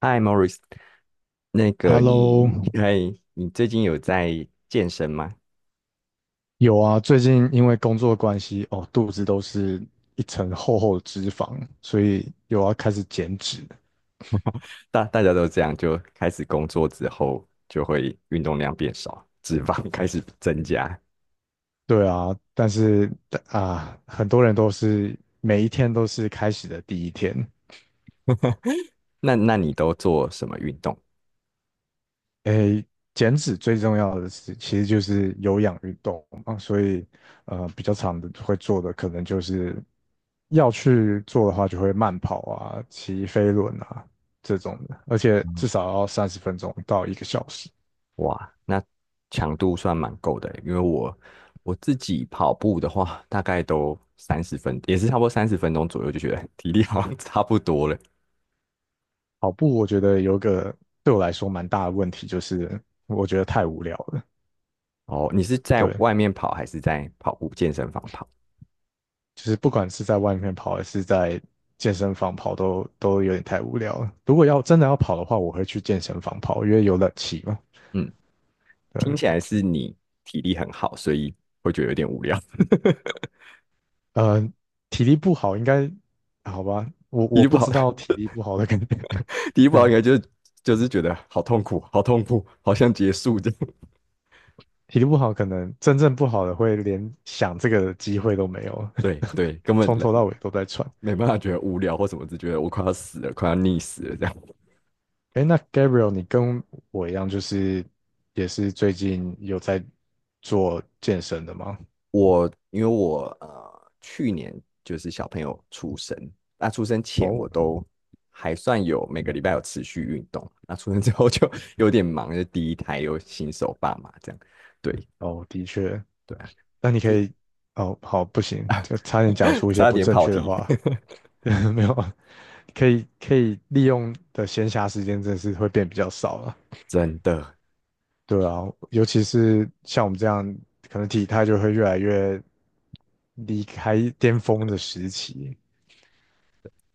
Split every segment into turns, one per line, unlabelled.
嗨，Morris，那个
Hello。
你，嗨，你最近有在健身吗？
有啊，最近因为工作关系，哦，肚子都是一层厚厚的脂肪，所以有要开始减脂。
大家都这样，就开始工作之后，就会运动量变少，脂肪开始增加。
对啊，但是啊，很多人都是每一天都是开始的第一天。
那你都做什么运动？
诶，减脂最重要的是，其实就是有氧运动嘛，所以比较长的会做的可能就是要去做的话，就会慢跑啊、骑飞轮啊这种的，而且至
嗯，
少要三十分钟到一个小时。
哇，那强度算蛮够的欸，因为我自己跑步的话，大概都三十分，也是差不多30分钟左右，就觉得 体力好像差不多了。
跑步我觉得有个对我来说蛮大的问题，就是我觉得太无聊了。
哦，你是在
对，
外面跑还是在跑步健身房跑？
就是不管是在外面跑还是在健身房跑都，都有点太无聊了。如果要真的要跑的话，我会去健身房跑，因为有冷气嘛。
嗯。听
对，
起来是你体力很好，所以会觉得有点无聊。
呃，体力不好应该好吧？我
体
我
力不
不
好，
知道体力不好的 可能，
体力 不好应
嗯，
该就是就是觉得好痛苦，好痛苦，好像结束这样。
体力不好可能真正不好的会连想这个机会都没有，
对对，根 本
从头到尾都在喘。
没办法觉得无聊或什么，只觉得我快要死了，快要溺死了这样。
哎，那 Gabriel，你跟我一样，就是也是最近有在做健身的吗？
我因为我去年就是小朋友出生，那出生前我
哦，
都还算有每个礼拜有持续运动，那出生之后就 有点忙，就第一胎又新手爸妈这样。对
哦，的确。
对啊，
那你可
之
以，哦，好，不行，就差点讲出 一些
差
不
点
正
跑
确的
题，
话，没有，可以利用的闲暇时间真的是会变比较少了。
真的，
对啊，尤其是像我们这样，可能体态就会越来越离开巅峰的时期，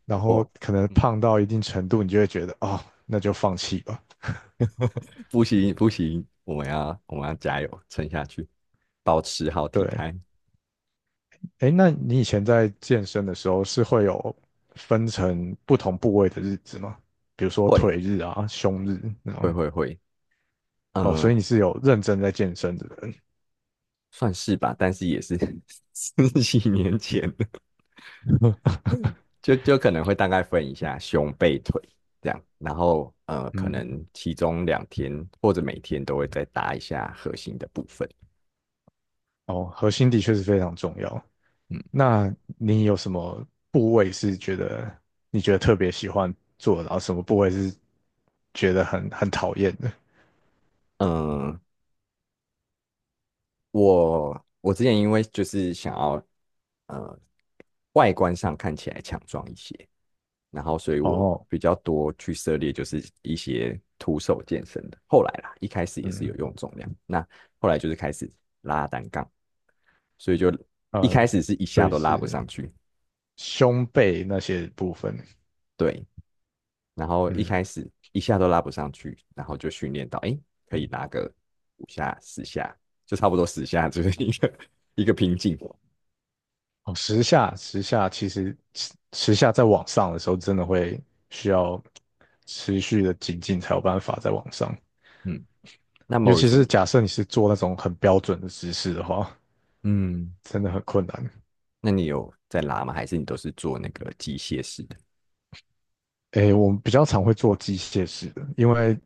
然后
我
可能
嗯，
胖到一定程度，你就会觉得，哦，那就放弃吧。
不行不行，我们要加油撑下去，保持好体
对，
态，
哎，那你以前在健身的时候是会有分成不同部位的日子吗？比如说
会
腿日啊、胸日那
会
种。
会会，
哦，
呃，
所以你是有认真在健身的人。
算是吧，但是也是 十几年前 了，就可能会大概分一下胸背腿这样，然后可
嗯，
能其中2天或者每天都会再搭一下核心的部分，
哦，核心的确是非常重要。
嗯
那你有什么部位是觉得你觉得特别喜欢做的然后什么部位是觉得很讨厌的？
嗯、呃我之前因为就是想要呃外观上看起来强壮一些，然后所以我
哦，
比较多去涉猎就是一些徒手健身的。后来啦，一开始也是
嗯
有用重量，那后来就是开始拉单杠，所以就
嗯，
一开始是一
所
下
以
都拉不
是
上去，
胸背那些部分。
对，然后一
嗯，
开始一下都拉不上去，然后就训练到诶可以拉个5下10下，就差不多十下就是一个 一个瓶颈。
哦，时下在往上的时候，真的会需要持续的精进才有办法在往上。
嗯，那
尤其
Morris
是
你？
假设你是做那种很标准的姿势的话，
嗯，
真的很困难。
那你有在拉吗？还是你都是做那个机械式的？
诶，我们比较常会做机械式的，因为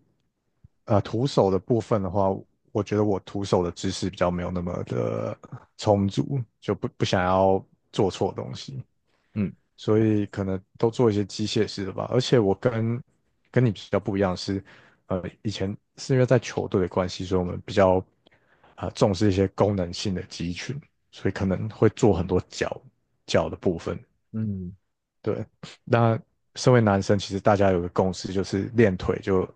徒手的部分的话，我觉得我徒手的姿势比较没有那么的充足，就不想要做错东西。
嗯
所以可能都做一些机械式的吧。而且跟你比较不一样是，呃，以前是因为在球队的关系，所以我们比较重视一些功能性的肌群，所以可能会做很多脚的部分。
嗯，
对，那身为男生，其实大家有个共识，就是练腿就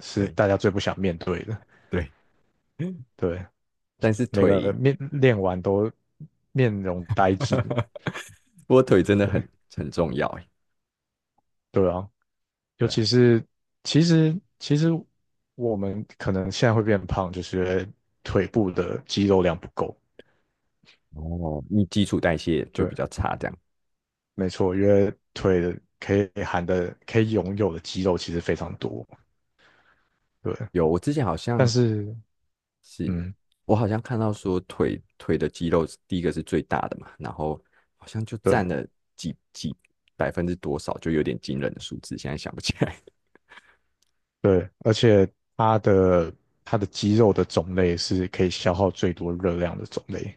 是
对
大家最不想面对的。
对，
对，
但是
每个
腿，
练完都面容呆滞。
不过腿真的很
对，
很重要哎，
对啊，尤
对
其
啊。
是其实我们可能现在会变胖，就是因为腿部的肌肉量不够。
哦，你基础代谢就
对，
比较差，这样。
没错，因为腿的可以拥有的肌肉其实非常多。对，
有，我之前好
但
像
是
是，
嗯，
我好像看到说腿的肌肉是第一个是最大的嘛，然后好像就
对
占了几百分之多少，就有点惊人的数字，现在想不起来。
对，而且它的它的肌肉的种类是可以消耗最多热量的种类。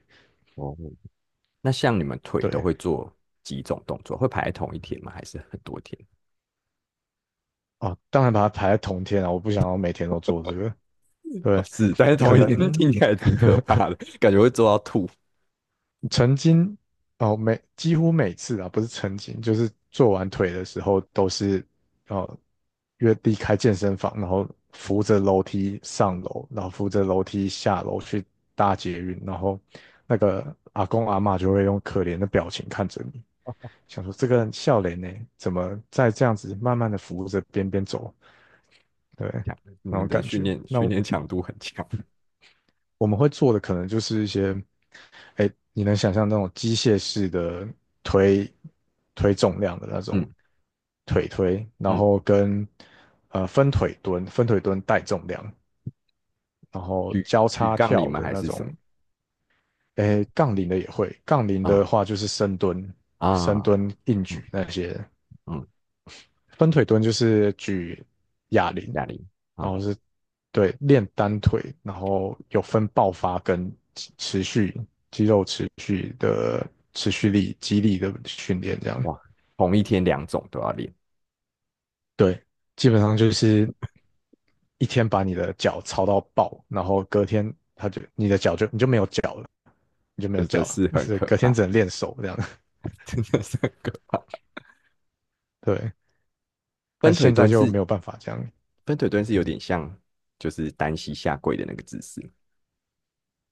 哦，那像你们腿都
对
会做几种动作？会排在同一天吗？还是很多天？
啊，当然把它排在同天啊，我不想要每天都做这个。
哦，
对，
是，但是
可
同一天
能
听起来挺可怕的，感觉会做到吐。
曾经哦，几乎每次啊，不是曾经，就是做完腿的时候都是哦，约离开健身房，然后扶着楼梯上楼，然后扶着楼梯下楼去搭捷运，然后那个阿公阿嬷就会用可怜的表情看着你，想说这个人笑脸呢，怎么在这样子慢慢的扶着边边走，对，
强，你
那
们
种
的
感
训
觉。
练
那
训练强度很强
我们会做的可能就是一些，哎，你能想象那种机械式的推推重量的那种
嗯
腿推，然
嗯，
后跟分腿蹲、分腿蹲带重量，然后
举
交
举
叉
杠铃
跳
吗？
的
还
那
是什么？
种，哎，杠铃的也会，杠铃的
啊，
话就是深
啊，
蹲、硬举
嗯
那些，
嗯，
分腿蹲就是举哑铃，
哑铃啊，
然后是对练单腿，然后有分爆发跟持续肌肉持续的持续力、肌力的训练，这样
哇，同一天两种都要练。
对，基本上就是一天把你的脚操到爆，然后隔天他就你的脚就你就没有脚了，
真的是 很
所以
可
隔天
怕，
只能练手这样，
真的是很可怕。
对，但
分腿
现在
蹲
就
是
没有办法这样，
分腿蹲是有点像就是单膝下跪的那个姿势，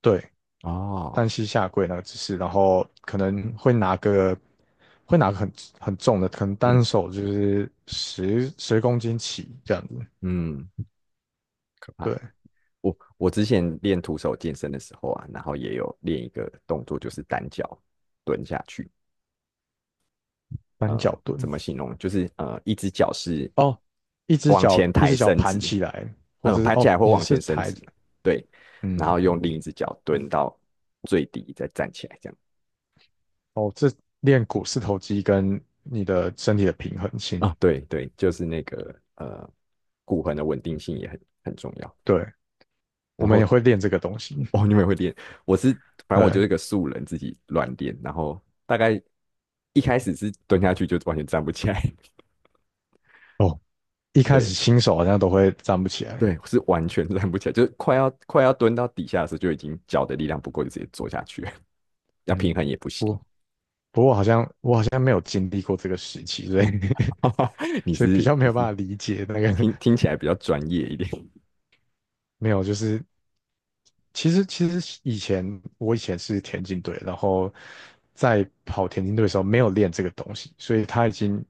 对，单
哦，
膝下跪那个姿势，然后可能会会拿个很很重的，可能
嗯
单手就是十公斤起这样子，
嗯，可怕。
对，
我之前练徒手健身的时候啊，然后也有练一个动作，就是单脚蹲下去。
单脚
怎
蹲
么形容？就是一只脚是
哦，
往前
一
抬
只脚
伸直，
盘起来，或
嗯、
者是
盘起
哦
来或
你
往
是
前伸
抬，
直，对，然后
嗯，
用另一只脚蹲到最低，再站起来，这样。
哦这练股四头肌跟你的身体的平衡性，
啊，对对，就是那个骨盆的稳定性也很重要。
对，我
然
们
后
也会练这个东西，
哦，你们也会练？我是，反正我就
对，
是个素人，自己乱练，然后大概一开始是蹲下去就完全站不起来，
哦，一 开始
对
新手好像都会站不起来，
对，是完全站不起来，就是快要蹲到底下的时候，就已经脚的力量不够，就直接坐下去了要平衡
嗯。
也不行。
不不过好像我好像没有经历过这个时期，所以
你
所以比
是
较没
你
有办
是
法理解那个
听起来比较专业一点，
没有，就是其实以前我以前是田径队，然后在跑田径队的时候没有练这个东西，所以他已经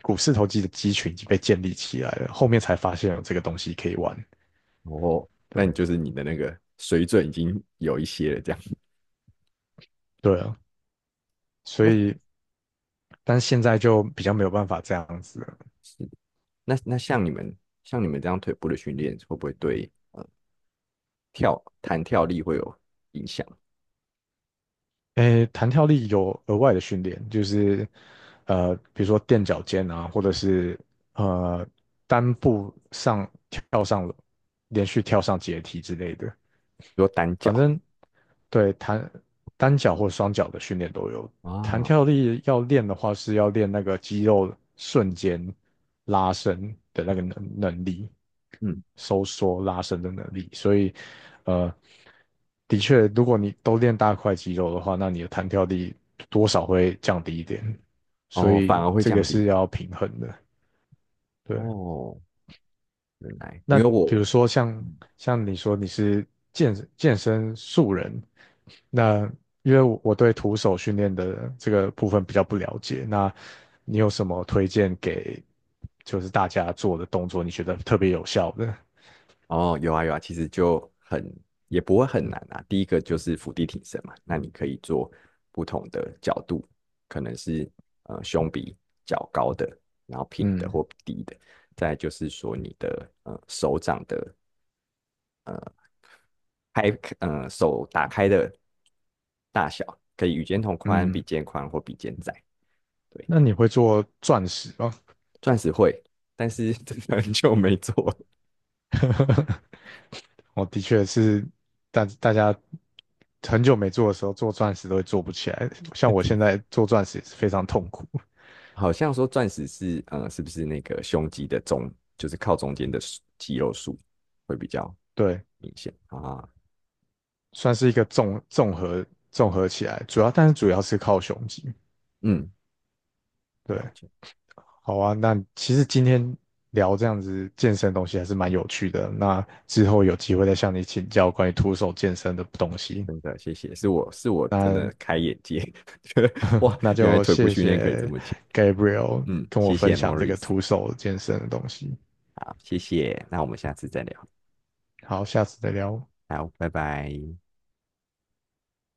股四头肌的肌群已经被建立起来了，后面才发现有这个东西可以玩，
哦，但你
对
就是你的那个水准已经有一些了，这样。
对啊，所
那
以但是现在就比较没有办法这样子了
那像你们这样腿部的训练，会不会对跳弹跳力会有影响？比
诶，弹跳力有额外的训练，就是比如说垫脚尖啊，或者是呃单步上跳上连续跳上阶梯之类的。
如说单
反
脚。
正对弹单脚或双脚的训练都有。弹
啊，
跳力要练的话，是要练那个肌肉瞬间拉伸的那个能力，
嗯，
收缩拉伸的能力。所以，呃，的确，如果你都练大块肌肉的话，那你的弹跳力多少会降低一点。所
哦，反
以
而会
这个
降
是
低。
要平衡的，对。
哦，原来，
那
因为
比
我，
如说
嗯，
像你说你是健身素人，那因为我对徒手训练的这个部分比较不了解，那你有什么推荐给就是大家做的动作，你觉得特别有效的？
哦，有啊有啊，其实就很，也不会很难啊。第一个就是伏地挺身嘛，那你可以做不同的角度，可能是胸比较高的，然后平的
嗯
或低的。再来就是说你的手掌的开，手打开的大小，可以与肩同宽、比
嗯，
肩宽或比肩窄。对，
那你会做钻石吗？
钻石会，但是 真的很久没做了。
我的确是大家很久没做的时候，做钻石都会做不起来，像我现在做钻石也是非常痛苦。
好像说钻石是是不是那个胸肌的中，就是靠中间的数肌肉束会比较
对，
明显啊？
算是一个综合综合起来，主要是靠胸肌。
嗯，
对，
了解，
好啊，那其实今天聊这样子健身的东西还是蛮有趣的。那之后有机会再向你请教关于徒手健身的东西。
真的谢谢，是我真的
那
开眼界，觉得哇，原来
就
腿部
谢
训练可以这
谢
么讲。
Gabriel
嗯，
跟我
谢
分
谢
享这个
Morris，
徒手健身的东西。
好，谢谢，那我们下次再聊，
好，下次再聊。
好，拜拜。